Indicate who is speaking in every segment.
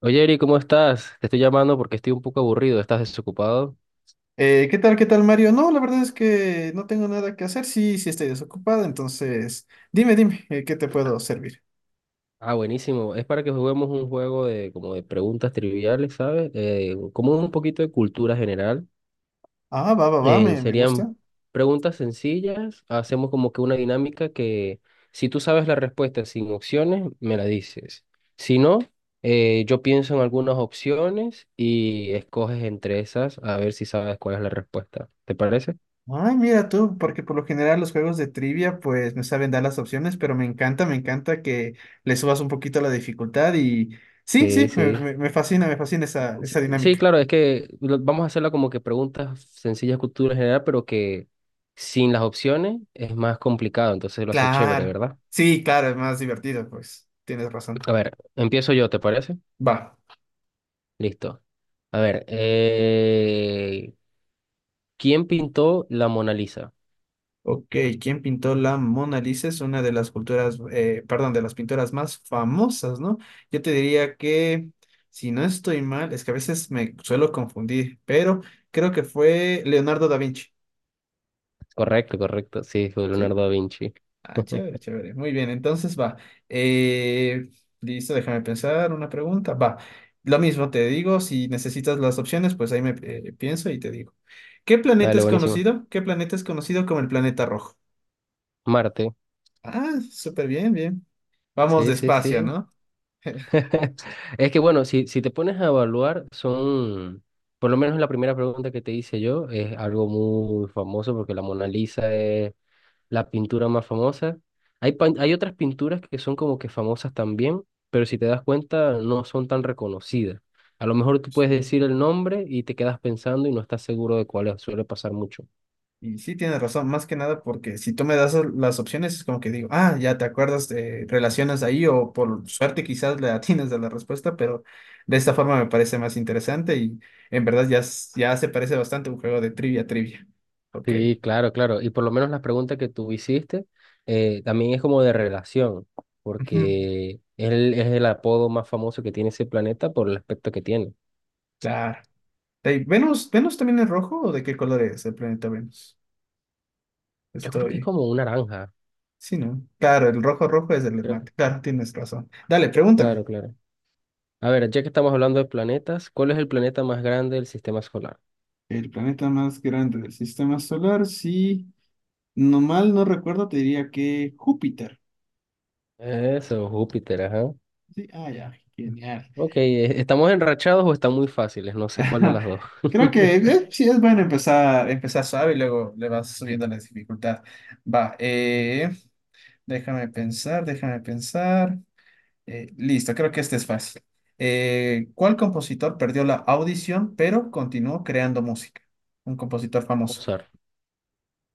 Speaker 1: Oye, Eri, ¿cómo estás? Te estoy llamando porque estoy un poco aburrido. ¿Estás desocupado?
Speaker 2: ¿Qué tal, qué tal, Mario? No, la verdad es que no tengo nada que hacer. Sí, sí estoy desocupado, entonces dime, ¿qué te puedo servir?
Speaker 1: Ah, buenísimo. Es para que juguemos un juego de como de preguntas triviales, ¿sabes? Como un poquito de cultura general.
Speaker 2: Ah, va, va, va, me, me gusta.
Speaker 1: Serían preguntas sencillas. Hacemos como que una dinámica que si tú sabes la respuesta sin opciones, me la dices. Si no, yo pienso en algunas opciones y escoges entre esas a ver si sabes cuál es la respuesta. ¿Te parece?
Speaker 2: Ay, mira tú, porque por lo general los juegos de trivia pues me saben dar las opciones, pero me encanta que le subas un poquito la dificultad y sí,
Speaker 1: Sí,
Speaker 2: sí,
Speaker 1: sí.
Speaker 2: me fascina esa,
Speaker 1: Sí,
Speaker 2: esa
Speaker 1: sí,
Speaker 2: dinámica.
Speaker 1: claro, es que vamos a hacerla como que preguntas sencillas, cultura general, pero que sin las opciones es más complicado, entonces lo hace chévere,
Speaker 2: Claro,
Speaker 1: ¿verdad?
Speaker 2: sí, claro, es más divertido, pues tienes razón.
Speaker 1: A ver, empiezo yo, ¿te parece?
Speaker 2: Va.
Speaker 1: Listo. A ver, ¿quién pintó la Mona Lisa?
Speaker 2: Ok, ¿quién pintó la Mona Lisa? Es una de las perdón, de las pinturas más famosas, ¿no? Yo te diría que, si no estoy mal, es que a veces me suelo confundir, pero creo que fue Leonardo da Vinci,
Speaker 1: Correcto, correcto, sí, fue
Speaker 2: ¿sí?
Speaker 1: Leonardo da Vinci.
Speaker 2: Ah, chévere, chévere. Muy bien, entonces va. Eh, listo, déjame pensar una pregunta. Va, lo mismo te digo, si necesitas las opciones, pues ahí me pienso y te digo. ¿Qué planeta
Speaker 1: Dale,
Speaker 2: es
Speaker 1: buenísimo.
Speaker 2: conocido? ¿Qué planeta es conocido como el planeta rojo?
Speaker 1: Marte,
Speaker 2: Ah, súper bien, bien. Vamos
Speaker 1: sí, sí,
Speaker 2: despacio,
Speaker 1: sí.
Speaker 2: ¿no?
Speaker 1: Es que bueno, si te pones a evaluar, son, por lo menos la primera pregunta que te hice yo, es algo muy famoso porque la Mona Lisa es la pintura más famosa. Hay, hay otras pinturas que son como que famosas también, pero si te das cuenta, no son tan reconocidas. A lo mejor tú
Speaker 2: Sí.
Speaker 1: puedes decir el nombre y te quedas pensando y no estás seguro de cuál es, suele pasar mucho.
Speaker 2: Y sí, tienes razón, más que nada porque si tú me das las opciones es como que digo, ah, ya te acuerdas, relacionas ahí o por suerte quizás le atinas a la respuesta, pero de esta forma me parece más interesante y en verdad ya, ya se parece bastante a un juego de trivia, trivia. Ok.
Speaker 1: Sí, claro, claro. Y por lo menos la pregunta que tú hiciste también es como de relación,
Speaker 2: Ujú,
Speaker 1: porque él es el apodo más famoso que tiene ese planeta por el aspecto que tiene.
Speaker 2: claro. Ey, ¿Venus, Venus también es rojo o de qué color es el planeta Venus?
Speaker 1: Yo creo que es
Speaker 2: Estoy...
Speaker 1: como una naranja.
Speaker 2: Sí, ¿no? Claro, el rojo rojo es el
Speaker 1: Creo.
Speaker 2: mate. Claro, tienes razón. Dale, pregúntame.
Speaker 1: Claro, claro. A ver, ya que estamos hablando de planetas, ¿cuál es el planeta más grande del sistema solar?
Speaker 2: El planeta más grande del sistema solar, sí. No mal no recuerdo, te diría que Júpiter.
Speaker 1: Eso, Júpiter, ajá.
Speaker 2: Sí, ah, ya, genial.
Speaker 1: Ok, ¿estamos enrachados o están muy fáciles? No sé cuál de las dos.
Speaker 2: Creo que sí es bueno empezar, empezar suave y luego le vas subiendo la dificultad. Va, déjame pensar, déjame pensar. Listo, creo que este es fácil. ¿Cuál compositor perdió la audición pero continuó creando música? Un compositor famoso.
Speaker 1: Mozart.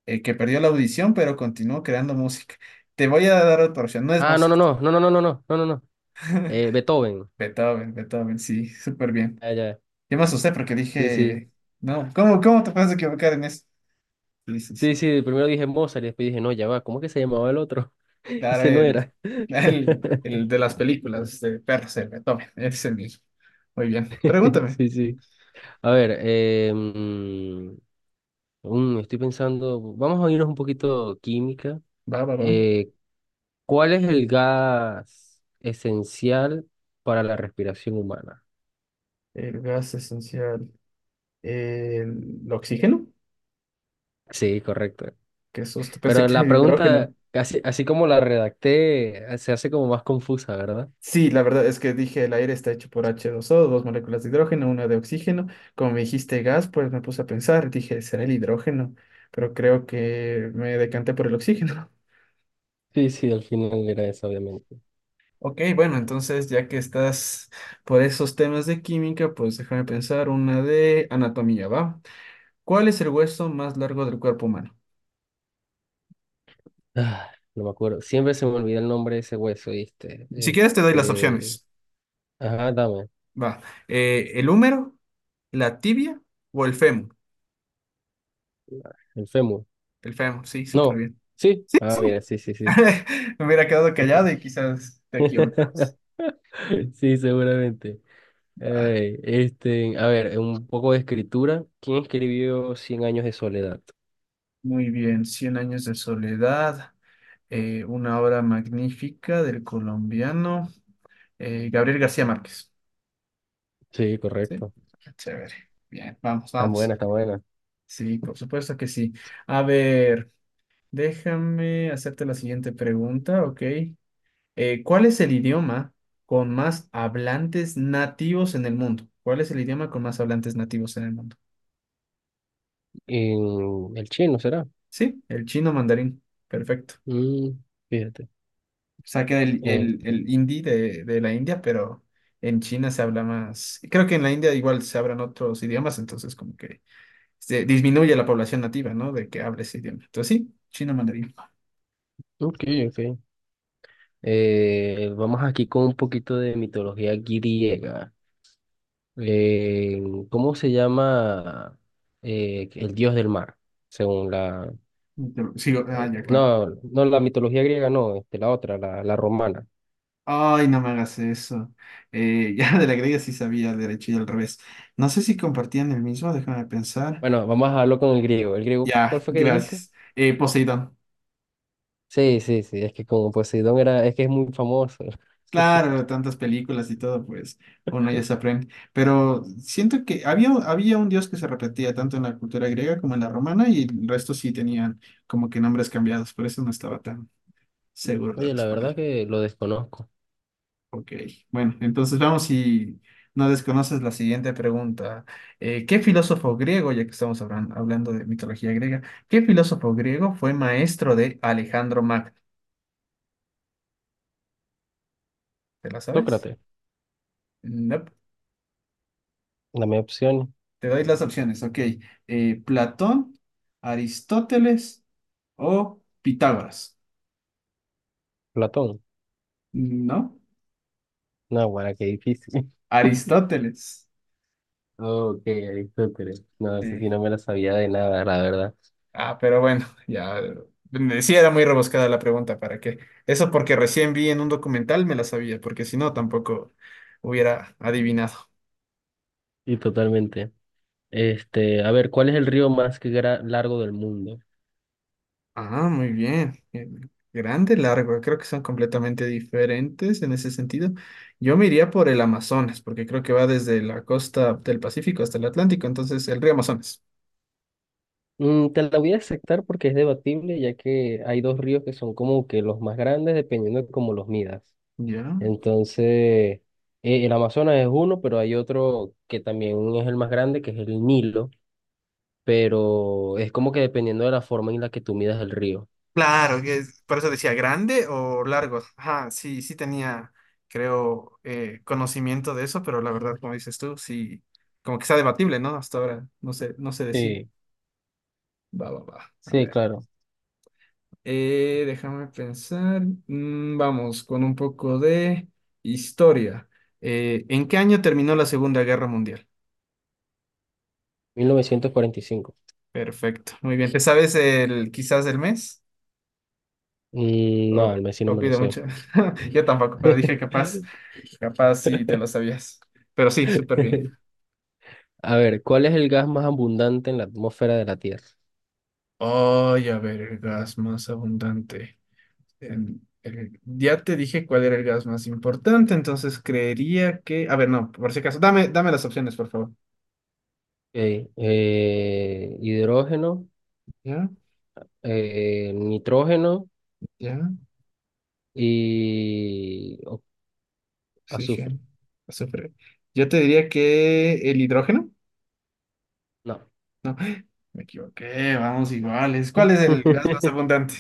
Speaker 2: Que perdió la audición, pero continuó creando música. Te voy a dar otra opción, no es
Speaker 1: Ah, no, no,
Speaker 2: Mozart.
Speaker 1: no, no, no, no, no, no, no, no, no. Beethoven.
Speaker 2: Beethoven, Beethoven, sí, súper bien.
Speaker 1: Ah, ya.
Speaker 2: Yo me asusté porque
Speaker 1: Sí, sí.
Speaker 2: dije, no, ¿cómo, cómo te puedes equivocar en eso? Sí, sí,
Speaker 1: Sí,
Speaker 2: sí.
Speaker 1: sí, primero dije Mozart y después dije, no, ya va, ¿cómo que se llamaba el otro?
Speaker 2: Claro,
Speaker 1: Ese no
Speaker 2: el,
Speaker 1: era.
Speaker 2: el de las películas de perros, el Beethoven, es el mismo. Muy bien, pregúntame.
Speaker 1: Sí, sí. A ver, estoy pensando, vamos a irnos un poquito química.
Speaker 2: Va, va, va.
Speaker 1: Eh, ¿Cuál es el gas esencial para la respiración humana?
Speaker 2: El gas esencial, el oxígeno,
Speaker 1: Sí, correcto.
Speaker 2: que susto, pensé
Speaker 1: Pero
Speaker 2: que era
Speaker 1: la
Speaker 2: el
Speaker 1: pregunta,
Speaker 2: hidrógeno.
Speaker 1: así, así como la redacté, se hace como más confusa, ¿verdad?
Speaker 2: Sí, la verdad es que dije el aire está hecho por h dos o dos moléculas de hidrógeno, una de oxígeno. Como me dijiste gas, pues me puse a pensar, dije, será el hidrógeno, pero creo que me decanté por el oxígeno.
Speaker 1: Sí, sí, al final era eso, obviamente.
Speaker 2: Ok, bueno, entonces ya que estás por esos temas de química, pues déjame pensar una de anatomía, ¿va? ¿Cuál es el hueso más largo del cuerpo humano?
Speaker 1: Ah, no me acuerdo. Siempre se me olvida el nombre de ese hueso, ¿viste?
Speaker 2: Si quieres, te doy las
Speaker 1: Este.
Speaker 2: opciones.
Speaker 1: Ajá, dame.
Speaker 2: Va, ¿el húmero, la tibia o el fémur?
Speaker 1: El fémur.
Speaker 2: El fémur, sí, súper
Speaker 1: No.
Speaker 2: bien.
Speaker 1: Sí.
Speaker 2: Sí,
Speaker 1: Ah, mira,
Speaker 2: sí,
Speaker 1: sí, sí, sí.
Speaker 2: me hubiera quedado callado y quizás te equivocas.
Speaker 1: Sí, seguramente.
Speaker 2: Va,
Speaker 1: Ey, este, a ver, un poco de escritura. ¿Quién escribió Cien años de soledad?
Speaker 2: muy bien, Cien años de soledad, una obra magnífica del colombiano Gabriel García Márquez.
Speaker 1: Sí,
Speaker 2: ¿Sí?
Speaker 1: correcto.
Speaker 2: Chévere. Bien, vamos,
Speaker 1: Está
Speaker 2: vamos.
Speaker 1: buena, está buena.
Speaker 2: Sí, por supuesto que sí. A ver, déjame hacerte la siguiente pregunta, ¿ok? ¿Cuál es el idioma con más hablantes nativos en el mundo? ¿Cuál es el idioma con más hablantes nativos en el mundo?
Speaker 1: En el chino será.
Speaker 2: Sí, el chino mandarín. Perfecto.
Speaker 1: Mm, fíjate.
Speaker 2: saqué del- el,
Speaker 1: Este,
Speaker 2: el, hindi de la India, pero en China se habla más. Creo que en la India igual se hablan otros idiomas, entonces como que se disminuye la población nativa, ¿no? De que hable ese idioma. Entonces sí, chino mandarín.
Speaker 1: ok, ok. Vamos aquí con un poquito de mitología griega. Eh, ¿Cómo se llama el dios del mar? Según la...
Speaker 2: Pero sigo, ah, ya, claro.
Speaker 1: no, no la mitología griega, no, este, la otra, la romana.
Speaker 2: Ay, no me hagas eso. Ya de la griega sí sabía el derecho y al revés. No sé si compartían el mismo, déjame pensar.
Speaker 1: Bueno, vamos a hablar con el griego. ¿El griego cuál
Speaker 2: Ya,
Speaker 1: fue que dijiste?
Speaker 2: gracias. Poseidón.
Speaker 1: Sí, sí, sí, es que como Poseidón era, es que es muy famoso.
Speaker 2: Claro, tantas películas y todo, pues uno ya se aprende. Pero siento que había, había un dios que se repetía tanto en la cultura griega como en la romana y el resto sí tenían como que nombres cambiados, por eso no estaba tan seguro de
Speaker 1: Oye, la verdad
Speaker 2: responder.
Speaker 1: que lo desconozco.
Speaker 2: Ok, bueno, entonces vamos si no desconoces la siguiente pregunta. ¿Qué filósofo griego, ya que estamos hablando de mitología griega, qué filósofo griego fue maestro de Alejandro Magno? ¿Te la sabes?
Speaker 1: Sócrates,
Speaker 2: No.
Speaker 1: dame opción.
Speaker 2: Te doy las opciones, ok. Platón, Aristóteles o Pitágoras.
Speaker 1: Platón.
Speaker 2: ¿No?
Speaker 1: No, bueno, qué difícil.
Speaker 2: Aristóteles.
Speaker 1: Ok, Aristóteles. No, sé si
Speaker 2: Sí.
Speaker 1: no me la sabía de nada, la verdad.
Speaker 2: Ah, pero bueno, ya. Sí, era muy rebuscada la pregunta, ¿para qué? Eso porque recién vi en un documental, me la sabía, porque si no, tampoco hubiera adivinado.
Speaker 1: Y totalmente. Este, a ver, ¿cuál es el río más que largo del mundo?
Speaker 2: Ah, muy bien. Grande, largo. Creo que son completamente diferentes en ese sentido. Yo me iría por el Amazonas, porque creo que va desde la costa del Pacífico hasta el Atlántico, entonces el río Amazonas.
Speaker 1: Mm, te la voy a aceptar porque es debatible, ya que hay dos ríos que son como que los más grandes dependiendo de cómo los midas.
Speaker 2: Ya.
Speaker 1: Entonces, el Amazonas es uno, pero hay otro que también es el más grande, que es el Nilo, pero es como que dependiendo de la forma en la que tú midas el río.
Speaker 2: Claro, por eso decía grande o largo. Ajá, sí, sí tenía, creo, conocimiento de eso, pero la verdad, como dices tú, sí, como que está debatible, ¿no? Hasta ahora no sé, no se decide.
Speaker 1: Sí,
Speaker 2: Va, va, va. A
Speaker 1: sí,
Speaker 2: ver.
Speaker 1: claro.
Speaker 2: Déjame pensar. Vamos con un poco de historia. ¿En qué año terminó la Segunda Guerra Mundial?
Speaker 1: 1945.
Speaker 2: Perfecto, muy bien. ¿Te sabes el quizás el mes?
Speaker 1: Mm, no, el Messi no
Speaker 2: O
Speaker 1: me lo
Speaker 2: pido
Speaker 1: sé.
Speaker 2: mucho? Yo tampoco, pero dije capaz, capaz sí te lo sabías. Pero sí, súper bien.
Speaker 1: A ver, ¿cuál es el gas más abundante en la atmósfera de la Tierra?
Speaker 2: Oye, a ver, el gas más abundante. Ya te dije cuál era el gas más importante, entonces creería que... A ver, no, por si acaso, dame, dame las opciones, por favor.
Speaker 1: Ok, hidrógeno,
Speaker 2: ¿Ya?
Speaker 1: nitrógeno
Speaker 2: ¿Ya?
Speaker 1: y azufre.
Speaker 2: Oxígeno, azufre. Yo te diría que el hidrógeno.
Speaker 1: No.
Speaker 2: No, me equivoqué, vamos iguales. ¿Cuál es el gas más abundante?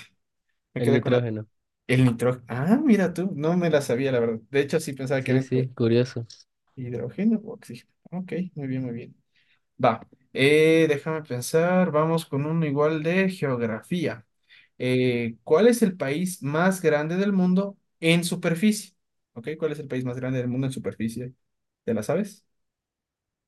Speaker 2: Me
Speaker 1: El
Speaker 2: quedé con la...
Speaker 1: nitrógeno.
Speaker 2: El nitrógeno. Ah, mira tú, no me la sabía, la verdad. De hecho, sí pensaba que era
Speaker 1: Sí,
Speaker 2: entre
Speaker 1: sí, curioso.
Speaker 2: hidrógeno o oxígeno. Ok, muy bien, muy bien. Va, déjame pensar, vamos con uno igual de geografía. ¿Cuál es el país más grande del mundo en superficie? Ok, ¿cuál es el país más grande del mundo en superficie? ¿Te la sabes?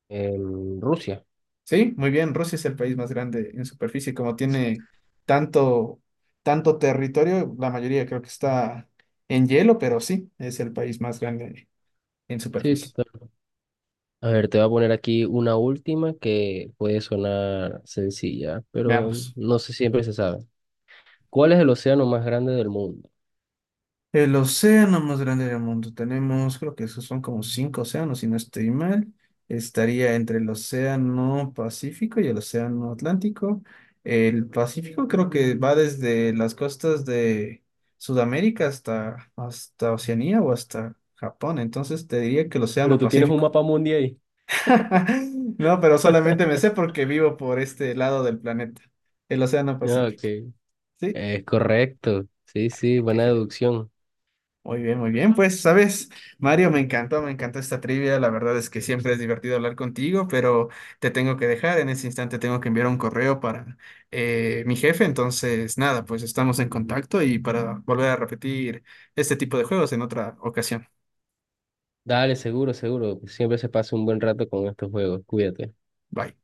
Speaker 1: En Rusia.
Speaker 2: Sí, muy bien. Rusia es el país más grande en superficie, como tiene tanto, tanto territorio, la mayoría creo que está en hielo, pero sí, es el país más grande en
Speaker 1: Sí,
Speaker 2: superficie.
Speaker 1: total. A ver, te voy a poner aquí una última que puede sonar sencilla, pero
Speaker 2: Veamos.
Speaker 1: no sé siempre se sabe. ¿Cuál es el océano más grande del mundo?
Speaker 2: El océano más grande del mundo. Tenemos, creo que esos son como 5 océanos, si no estoy mal. Estaría entre el océano Pacífico y el océano Atlántico. El Pacífico creo que va desde las costas de Sudamérica hasta, hasta Oceanía o hasta Japón. Entonces te diría que el
Speaker 1: Pero
Speaker 2: océano
Speaker 1: tú tienes un
Speaker 2: Pacífico.
Speaker 1: mapa mundial ahí.
Speaker 2: No, pero solamente me sé porque vivo por este lado del planeta, el océano
Speaker 1: Ah, ok,
Speaker 2: Pacífico. Sí,
Speaker 1: es correcto. Sí, sí, buena
Speaker 2: qué
Speaker 1: deducción.
Speaker 2: muy bien, muy bien. Pues, sabes, Mario, me encantó esta trivia. La verdad es que siempre es divertido hablar contigo, pero te tengo que dejar. En ese instante tengo que enviar un correo para mi jefe. Entonces, nada, pues estamos en contacto y para volver a repetir este tipo de juegos en otra ocasión.
Speaker 1: Dale, seguro, seguro. Siempre se pasa un buen rato con estos juegos. Cuídate.
Speaker 2: Bye.